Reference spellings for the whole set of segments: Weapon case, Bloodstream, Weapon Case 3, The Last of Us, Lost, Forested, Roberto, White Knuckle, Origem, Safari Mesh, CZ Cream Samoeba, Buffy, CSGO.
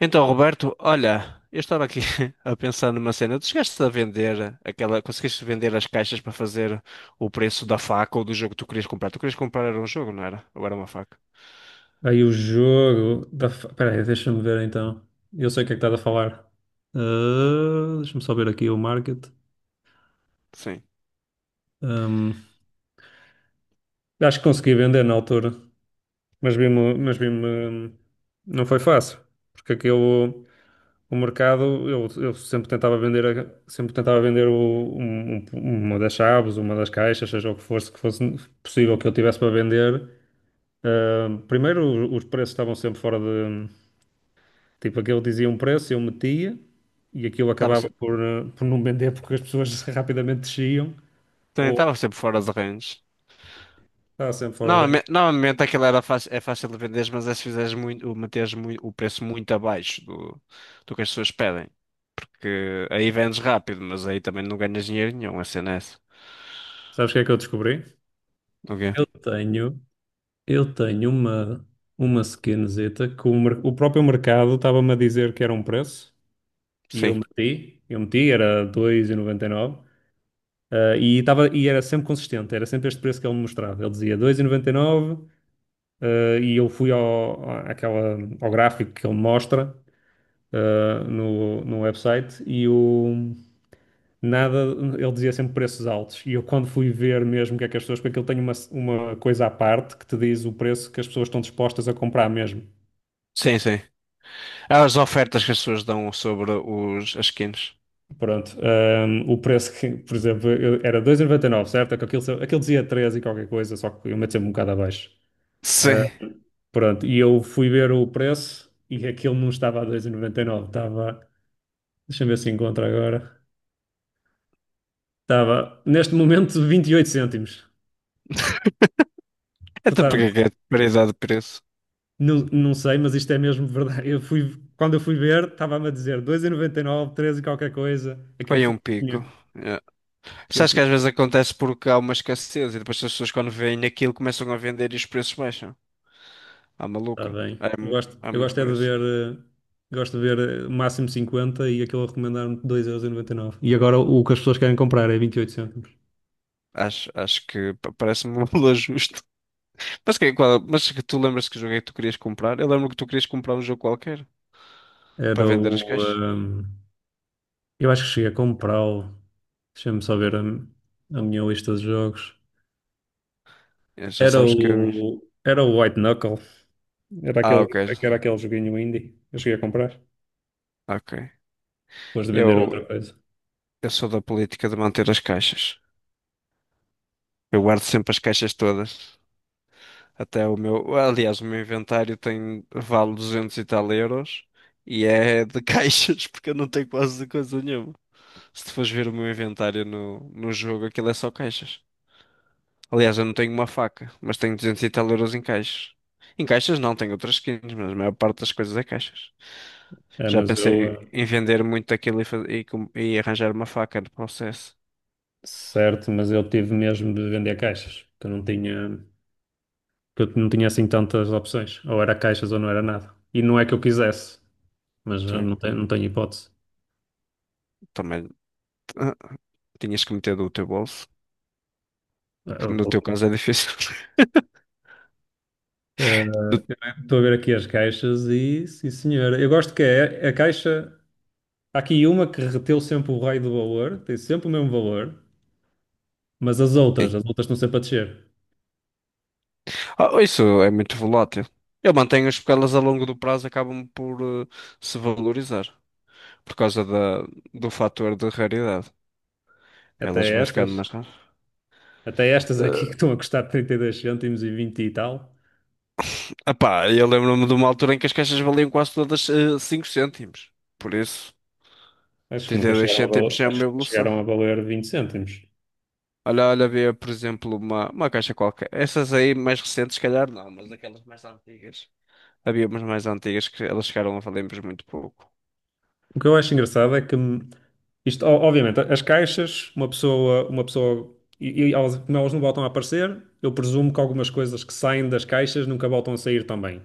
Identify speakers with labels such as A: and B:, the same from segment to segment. A: Então, Roberto, olha, eu estava aqui a pensar numa cena. Tu chegaste a vender aquela. Conseguiste vender as caixas para fazer o preço da faca ou do jogo que tu querias comprar? Tu querias comprar era um jogo, não era? Ou era uma faca?
B: Aí o jogo da. Espera aí, deixa-me ver então. Eu sei o que é que estás a falar. Ah, deixa-me só ver aqui o market.
A: Sim.
B: Ahm, acho que consegui vender na altura, mas vi-me, não foi fácil, porque aquilo, o mercado, eu sempre tentava vender, sempre tentava vender uma das chaves, uma das caixas, seja o que fosse possível que eu tivesse para vender. Ah, primeiro, os preços estavam sempre fora de. Tipo, aquele dizia um preço, eu metia e aquilo
A: Estava,
B: acabava por, por não vender porque as pessoas rapidamente desciam
A: também
B: ou
A: estava sempre fora de range.
B: estava sempre fora de rede.
A: Normalmente aquilo era fácil, é fácil de vender, mas é se fizeres muito, meteres muito, o preço muito abaixo do, do que as pessoas pedem. Porque aí vendes rápido, mas aí também não ganhas dinheiro nenhum, a cena é essa.
B: Sabes o que é que eu descobri?
A: Ok?
B: Eu tenho, eu tenho uma skinzita que o, o próprio mercado estava-me a dizer que era um preço e eu
A: Sim.
B: meti, eu meti, era 2,99, e era sempre consistente, era sempre este preço que ele me mostrava. Ele dizia 2,99, e nove, ah, e eu fui ao, àquela, ao gráfico que ele mostra, no website e o nada, ele dizia sempre preços altos. E eu, quando fui ver mesmo o que é que as pessoas, porque aquilo tem uma coisa à parte que te diz o preço que as pessoas estão dispostas a comprar mesmo.
A: Sim, sim. As ofertas que as pessoas dão sobre as skins.
B: Pronto, o preço que, por exemplo, era 2,99, certo? É que aquilo dizia 3 e qualquer coisa, só que eu meto sempre um bocado abaixo. Ah,
A: Sim.
B: pronto, e eu fui ver o preço e aquilo não estava a 2,99, estava, deixa-me ver se encontro agora, estava neste momento 28 cêntimos.
A: Até porque é
B: Portanto.
A: que é de paridade de preço.
B: Não, não sei, mas isto é mesmo verdade. Eu fui, quando eu fui ver, estava-me a dizer 2,99, 13 e nove, treze e qualquer coisa. Aquele
A: Foi um pico.
B: fofinho
A: É.
B: que eu
A: Sabes que
B: tenho.
A: às vezes acontece porque há uma escassez e depois as pessoas quando veem aquilo começam a vender e os preços baixam. Ah,
B: Está
A: maluco.
B: bem.
A: É,
B: Eu gosto,
A: há
B: eu
A: muito
B: gosto é de
A: preço.
B: ver, eh, gosto de ver, o máximo 50 e aquele a recomendar-me 2,99€. E noventa e nove. E agora o que as pessoas querem comprar é 28 cêntimos.
A: Acho que parece-me um valor justo. Mas que tu lembras que jogo é que tu querias comprar? Eu lembro que tu querias comprar um jogo qualquer
B: Era
A: para vender as
B: o.
A: caixas.
B: Eu acho que cheguei a comprá-lo. Deixa-me só ver a minha lista de jogos.
A: Já sabes que é a minha...
B: Era o White Knuckle. Era
A: Ah,
B: aquele,
A: ok.
B: era aquele joguinho indie. Eu cheguei a comprar
A: Ok.
B: depois de vender
A: Eu,
B: outra coisa.
A: eu sou da política de manter as caixas. Eu guardo sempre as caixas todas. Até o meu. Aliás, o meu inventário tem. Vale 200 e tal euros. E é de caixas, porque eu não tenho quase de coisa nenhuma. Se tu fores ver o meu inventário no jogo, aquilo é só caixas. Aliás, eu não tenho uma faca, mas tenho 200 e tal euros em caixas. Em caixas não, tenho outras skins, mas a maior parte das coisas é caixas.
B: É,
A: Já
B: mas eu,
A: pensei em vender muito daquilo e arranjar uma faca no processo.
B: certo, mas eu tive mesmo de vender caixas, que eu não tinha assim tantas opções. Ou era caixas ou não era nada. E não é que eu quisesse, mas
A: Sim,
B: não tenho hipótese.
A: também ah, tinhas que meter do teu bolso,
B: Eh,
A: que no teu caso é difícil.
B: eh, Estou a ver aqui as caixas e, sim senhora, eu gosto que é a caixa. Há aqui uma que reteu sempre o raio do valor, tem sempre o mesmo valor, mas
A: Sim.
B: as outras estão sempre a descer.
A: Ah, isso é muito volátil. Eu mantenho as porque elas a longo do prazo acabam por se valorizar por causa da, do fator de raridade. Elas
B: Até
A: vão
B: estas,
A: ficando mais raras.
B: até estas aqui que estão a custar 32 cêntimos e 20 e tal.
A: Ah pá, eu lembro-me de uma altura em que as caixas valiam quase todas cinco 5 cêntimos. Por isso,
B: Acho que nunca
A: 32
B: chegaram a valer,
A: cêntimos é
B: acho
A: uma
B: que nunca
A: evolução.
B: chegaram a valer 20 cêntimos.
A: Olha, olha, havia, por exemplo, uma caixa qualquer. Essas aí mais recentes, se calhar não, mas aquelas mais antigas. Havia umas mais antigas que elas chegaram a valer por muito pouco.
B: O que eu acho engraçado é que, isto, obviamente, as caixas, uma pessoa, e elas, como elas não voltam a aparecer, eu presumo que algumas coisas que saem das caixas nunca voltam a sair também.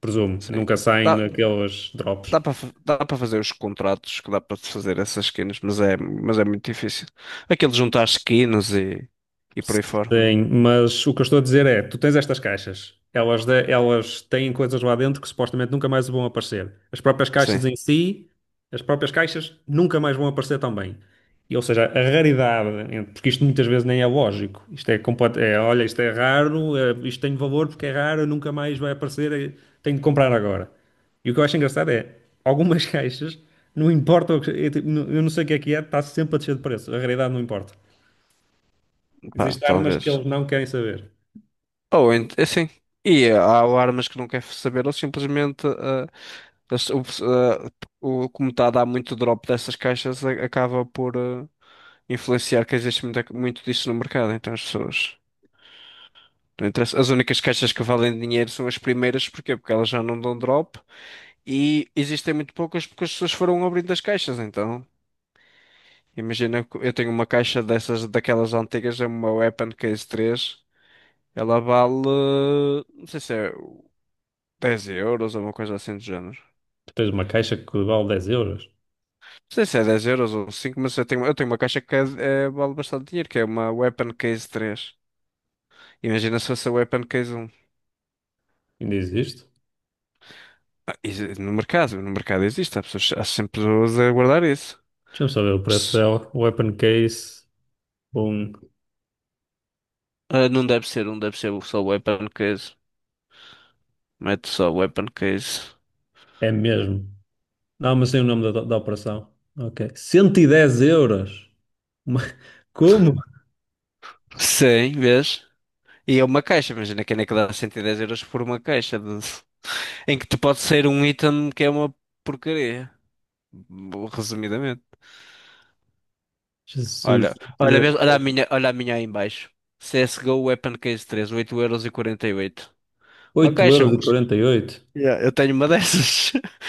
B: Presumo,
A: Sim.
B: nunca saem
A: Dá,
B: naqueles drops.
A: dá para dá para fazer os contratos, que dá para fazer essas skins, mas é muito difícil. Aquilo de juntar skins e por aí fora.
B: Sim, mas o que eu estou a dizer é, tu tens estas caixas, elas, elas têm coisas lá dentro que supostamente nunca mais vão aparecer. As próprias
A: Sim,
B: caixas em si, as próprias caixas nunca mais vão aparecer também. E, ou seja, a raridade, porque isto muitas vezes nem é lógico, isto é, olha, isto é raro, isto tem valor porque é raro, nunca mais vai aparecer, tenho de comprar agora. E o que eu acho engraçado é, algumas caixas, não importa, o que- eu não sei o que é, está sempre a descer de preço, a raridade não importa.
A: pá,
B: Existem armas que
A: talvez.
B: eles não querem saber.
A: Ou é assim. E há armas que não quer saber, ou simplesmente o, pes- ah, o- como está a dar muito drop dessas caixas, acaba por. Influenciar que existe muito disso no mercado, então as pessoas. Não interessa. As únicas caixas que valem dinheiro são as primeiras, porquê? Porque elas já não dão drop e existem muito poucas porque as pessoas foram abrindo as caixas, então. Imagina que eu tenho uma caixa dessas, daquelas antigas, é uma Weapon Case 3. Ela vale, não sei se é 10 euros ou uma coisa assim do género.
B: Tu tens uma caixa que vale 10 euros.
A: Não sei se é dez euros ou cinco, mas eu tenho uma caixa que vale bastante dinheiro, que é uma Weapon Case 3. Imagina se fosse a Weapon Case 1.
B: Ainda existe?
A: Ah, isso, no mercado, no mercado existe, há pessoas, há sempre pessoas a guardar isso.
B: Deixa-me saber o preço
A: Mas,
B: dela. Weapon case. Bom,
A: não deve ser, não deve ser só weapon case. Mete só weapon case.
B: é mesmo. Não, mas sei o nome da operação. Ok. 110 euros. Uma. Como?
A: Sim, vês? E é uma caixa, imagina que é que dá 110 euros por uma em que te pode sair um item que é uma porcaria. Resumidamente.
B: Jesus,
A: Olha,
B: cento e
A: olha,
B: dez
A: vês? Olha a minha aí em baixo. CSGO Weapon Case 3, 8,48€. Uma
B: oito
A: caixa,
B: euros e quarenta e oito
A: yeah, eu tenho uma dessas.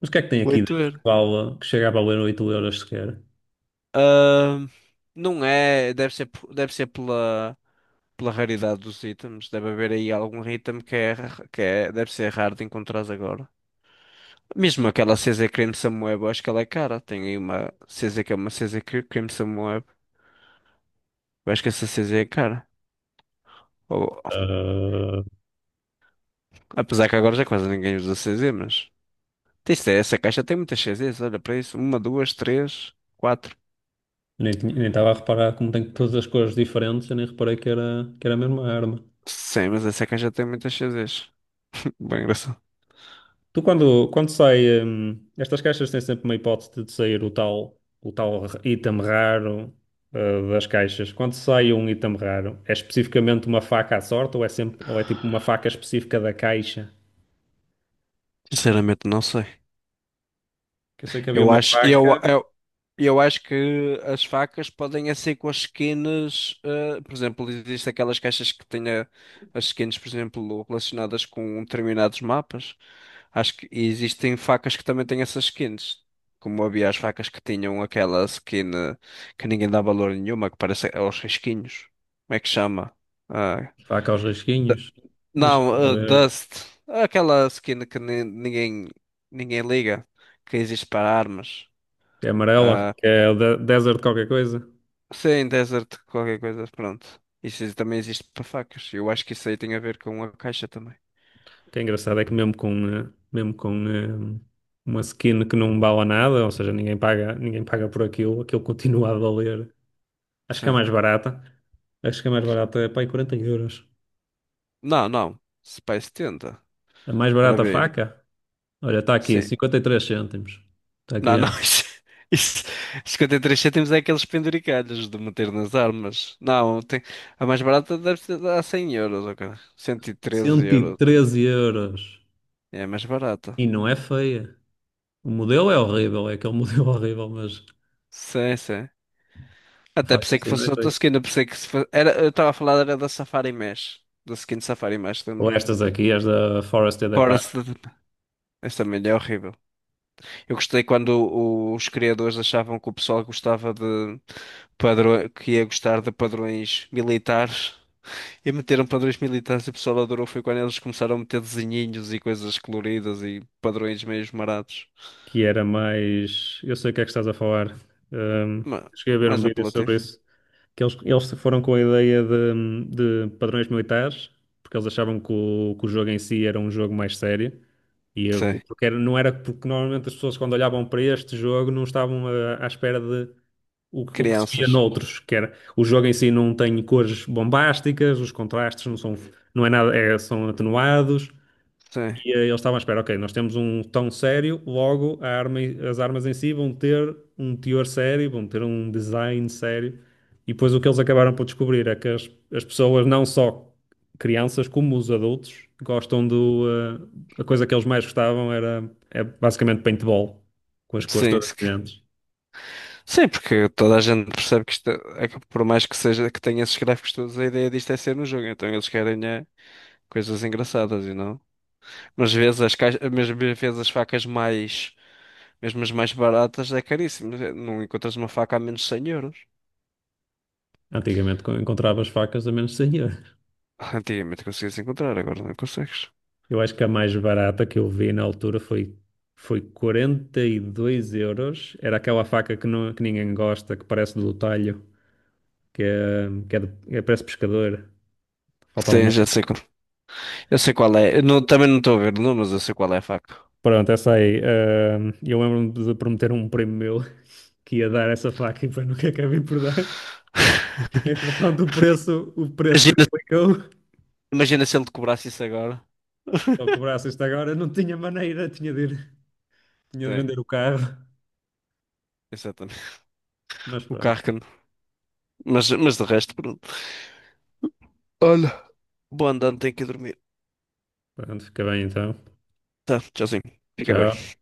B: Mas o que é que tem aqui
A: oito
B: dentro que,
A: euros
B: vale, que chega a valer 8 euros sequer?
A: Ahn, não é, deve ser, deve ser pela, pela raridade dos itens. Deve haver aí algum item que é, que é, deve ser raro de encontrar agora. Mesmo aquela CZ Cream Samoeba, eu acho que ela é cara. Tem aí uma CZ que é uma Cream Samoeba. Eu acho que essa CZ é cara. Ou-
B: Ah,
A: apesar que agora já quase ninguém usa CZ, mas. Isto é, essa caixa tem muitas CZs, olha para isso. Uma, duas, três, quatro.
B: nem estava a reparar como tem todas as cores diferentes. Eu nem reparei que era a mesma arma.
A: Sim, mas essa caixa tem muitas CZs. Bem engraçado.
B: Tu quando sai, estas caixas têm sempre uma hipótese de sair o tal item raro, das caixas. Quando sai um item raro, é especificamente uma faca à sorte ou é sempre, ou é tipo uma faca específica da caixa?
A: Sinceramente, não sei.
B: Que eu sei que havia
A: Eu
B: uma
A: acho, eu,
B: faca,
A: eu, eu acho que as facas podem é ser com as skins. Por exemplo, existem aquelas caixas que as skins, por exemplo, relacionadas com determinados mapas. Acho que e existem facas que também têm essas skins. Como havia as facas que tinham aquela skin que ninguém dá valor nenhuma, que parece aos risquinhos. Como é que chama? Ah,
B: faca aos risquinhos, deixa-me
A: não,
B: ver,
A: Dust. Aquela skin que ninguém, ninguém liga. Que existe para armas.
B: que é amarela,
A: Ah,
B: que é desert qualquer coisa.
A: sim, Desert, qualquer coisa, pronto. Isso também existe para facas. Eu acho que isso aí tem a ver com a caixa também.
B: O que é engraçado é que mesmo com uma skin que não bala nada, ou seja, ninguém paga por aquilo, aquilo continua a valer. Acho que é
A: Sim.
B: mais barata. Acho que a mais barata é para aí 40 euros.
A: Não, não. Spice tenta.
B: A mais
A: Ora
B: barata
A: bem.
B: faca? Olha, está aqui,
A: Sim.
B: 53 cêntimos. Está aqui,
A: Não,
B: ó.
A: não. Isso, 53 cêntimos é aqueles penduricalhos de meter nas armas. Não, tem, a mais barata deve ser a 100 euros, ok? cento e treze
B: 113
A: euros.
B: euros.
A: É a mais barata.
B: E não é feia. O modelo é horrível, é aquele modelo horrível, mas
A: Sim, sim.
B: a
A: Até
B: faca, sim,
A: pensei que
B: assim não é
A: fosse outra
B: feia.
A: skin, eu pensei que se fosse... era, eu estava a falar era da Safari Mesh, da skin Safari Mesh,
B: Ou
A: lembra?
B: estas aqui, as da Forested. Epá,
A: Forest, esta milha é horrível. Eu gostei quando os criadores achavam que o pessoal gostava de padrões, que ia gostar de padrões militares e meteram padrões militares e o pessoal adorou. Foi quando eles começaram a meter desenhinhos e coisas coloridas e padrões meio esmarados.
B: que era mais. Eu sei o que é que estás a falar. Ahm,
A: Ma-
B: cheguei a ver um
A: Mais
B: vídeo sobre
A: apelativo.
B: isso, que eles foram com a ideia de padrões militares, porque eles achavam que que o jogo em si era um jogo mais sério. E
A: Sim.
B: porque não era, porque normalmente as pessoas quando olhavam para este jogo não estavam, à espera de o que se via
A: Crianças.
B: noutros, que era o jogo em si não tem cores bombásticas, os contrastes não são, não é nada, são atenuados,
A: Sim.
B: e eles estavam à espera, ok, nós temos um tom sério, logo a arma, as armas em si vão ter um teor sério, vão ter um design sério. E depois o que eles acabaram por descobrir é que as pessoas, não só crianças, como os adultos, gostam do. A coisa que eles mais gostavam era é basicamente paintball, com as cores
A: Sim.
B: todas brilhantes.
A: Sim, porque toda a gente percebe que isto é que por mais que seja que tenha esses gráficos todos, a ideia disto é ser no jogo, então eles querem é, coisas engraçadas e não. Mas às vezes as caixas, mas às vezes as facas mais, mesmo as mais baratas, é caríssimo. Não encontras uma faca a menos de 100 euros.
B: Antigamente encontravas facas a menos de 100 euros.
A: Ah, antigamente conseguias encontrar, agora não consegues.
B: Eu acho que a mais barata que eu vi na altura foi, 42 euros. Era aquela faca que, não, que ninguém gosta, que parece do talho, que é, de, é- parece pescador. Falta um
A: Sim,
B: nome.
A: já sei qual, eu sei qual é. Eu não- também não estou a ver o nome, mas eu sei qual é a faca.
B: Pronto, essa aí. Ah, eu lembro-me de prometer a um primo meu que ia dar essa faca e depois nunca acabei por dar. Entretanto, o preço
A: Imagina,
B: triplicou. Se
A: imagina se ele te cobrasse isso agora.
B: ele cobrasse isto agora, não tinha maneira, tinha de
A: Tem,
B: vender o carro.
A: exatamente.
B: Mas
A: O
B: pronto,
A: carro que mas de resto, pronto. Olha, boa andando, tenho que ir dormir.
B: pronto, fica bem então.
A: Tá, tchauzinho. Fica bem.
B: Tchau.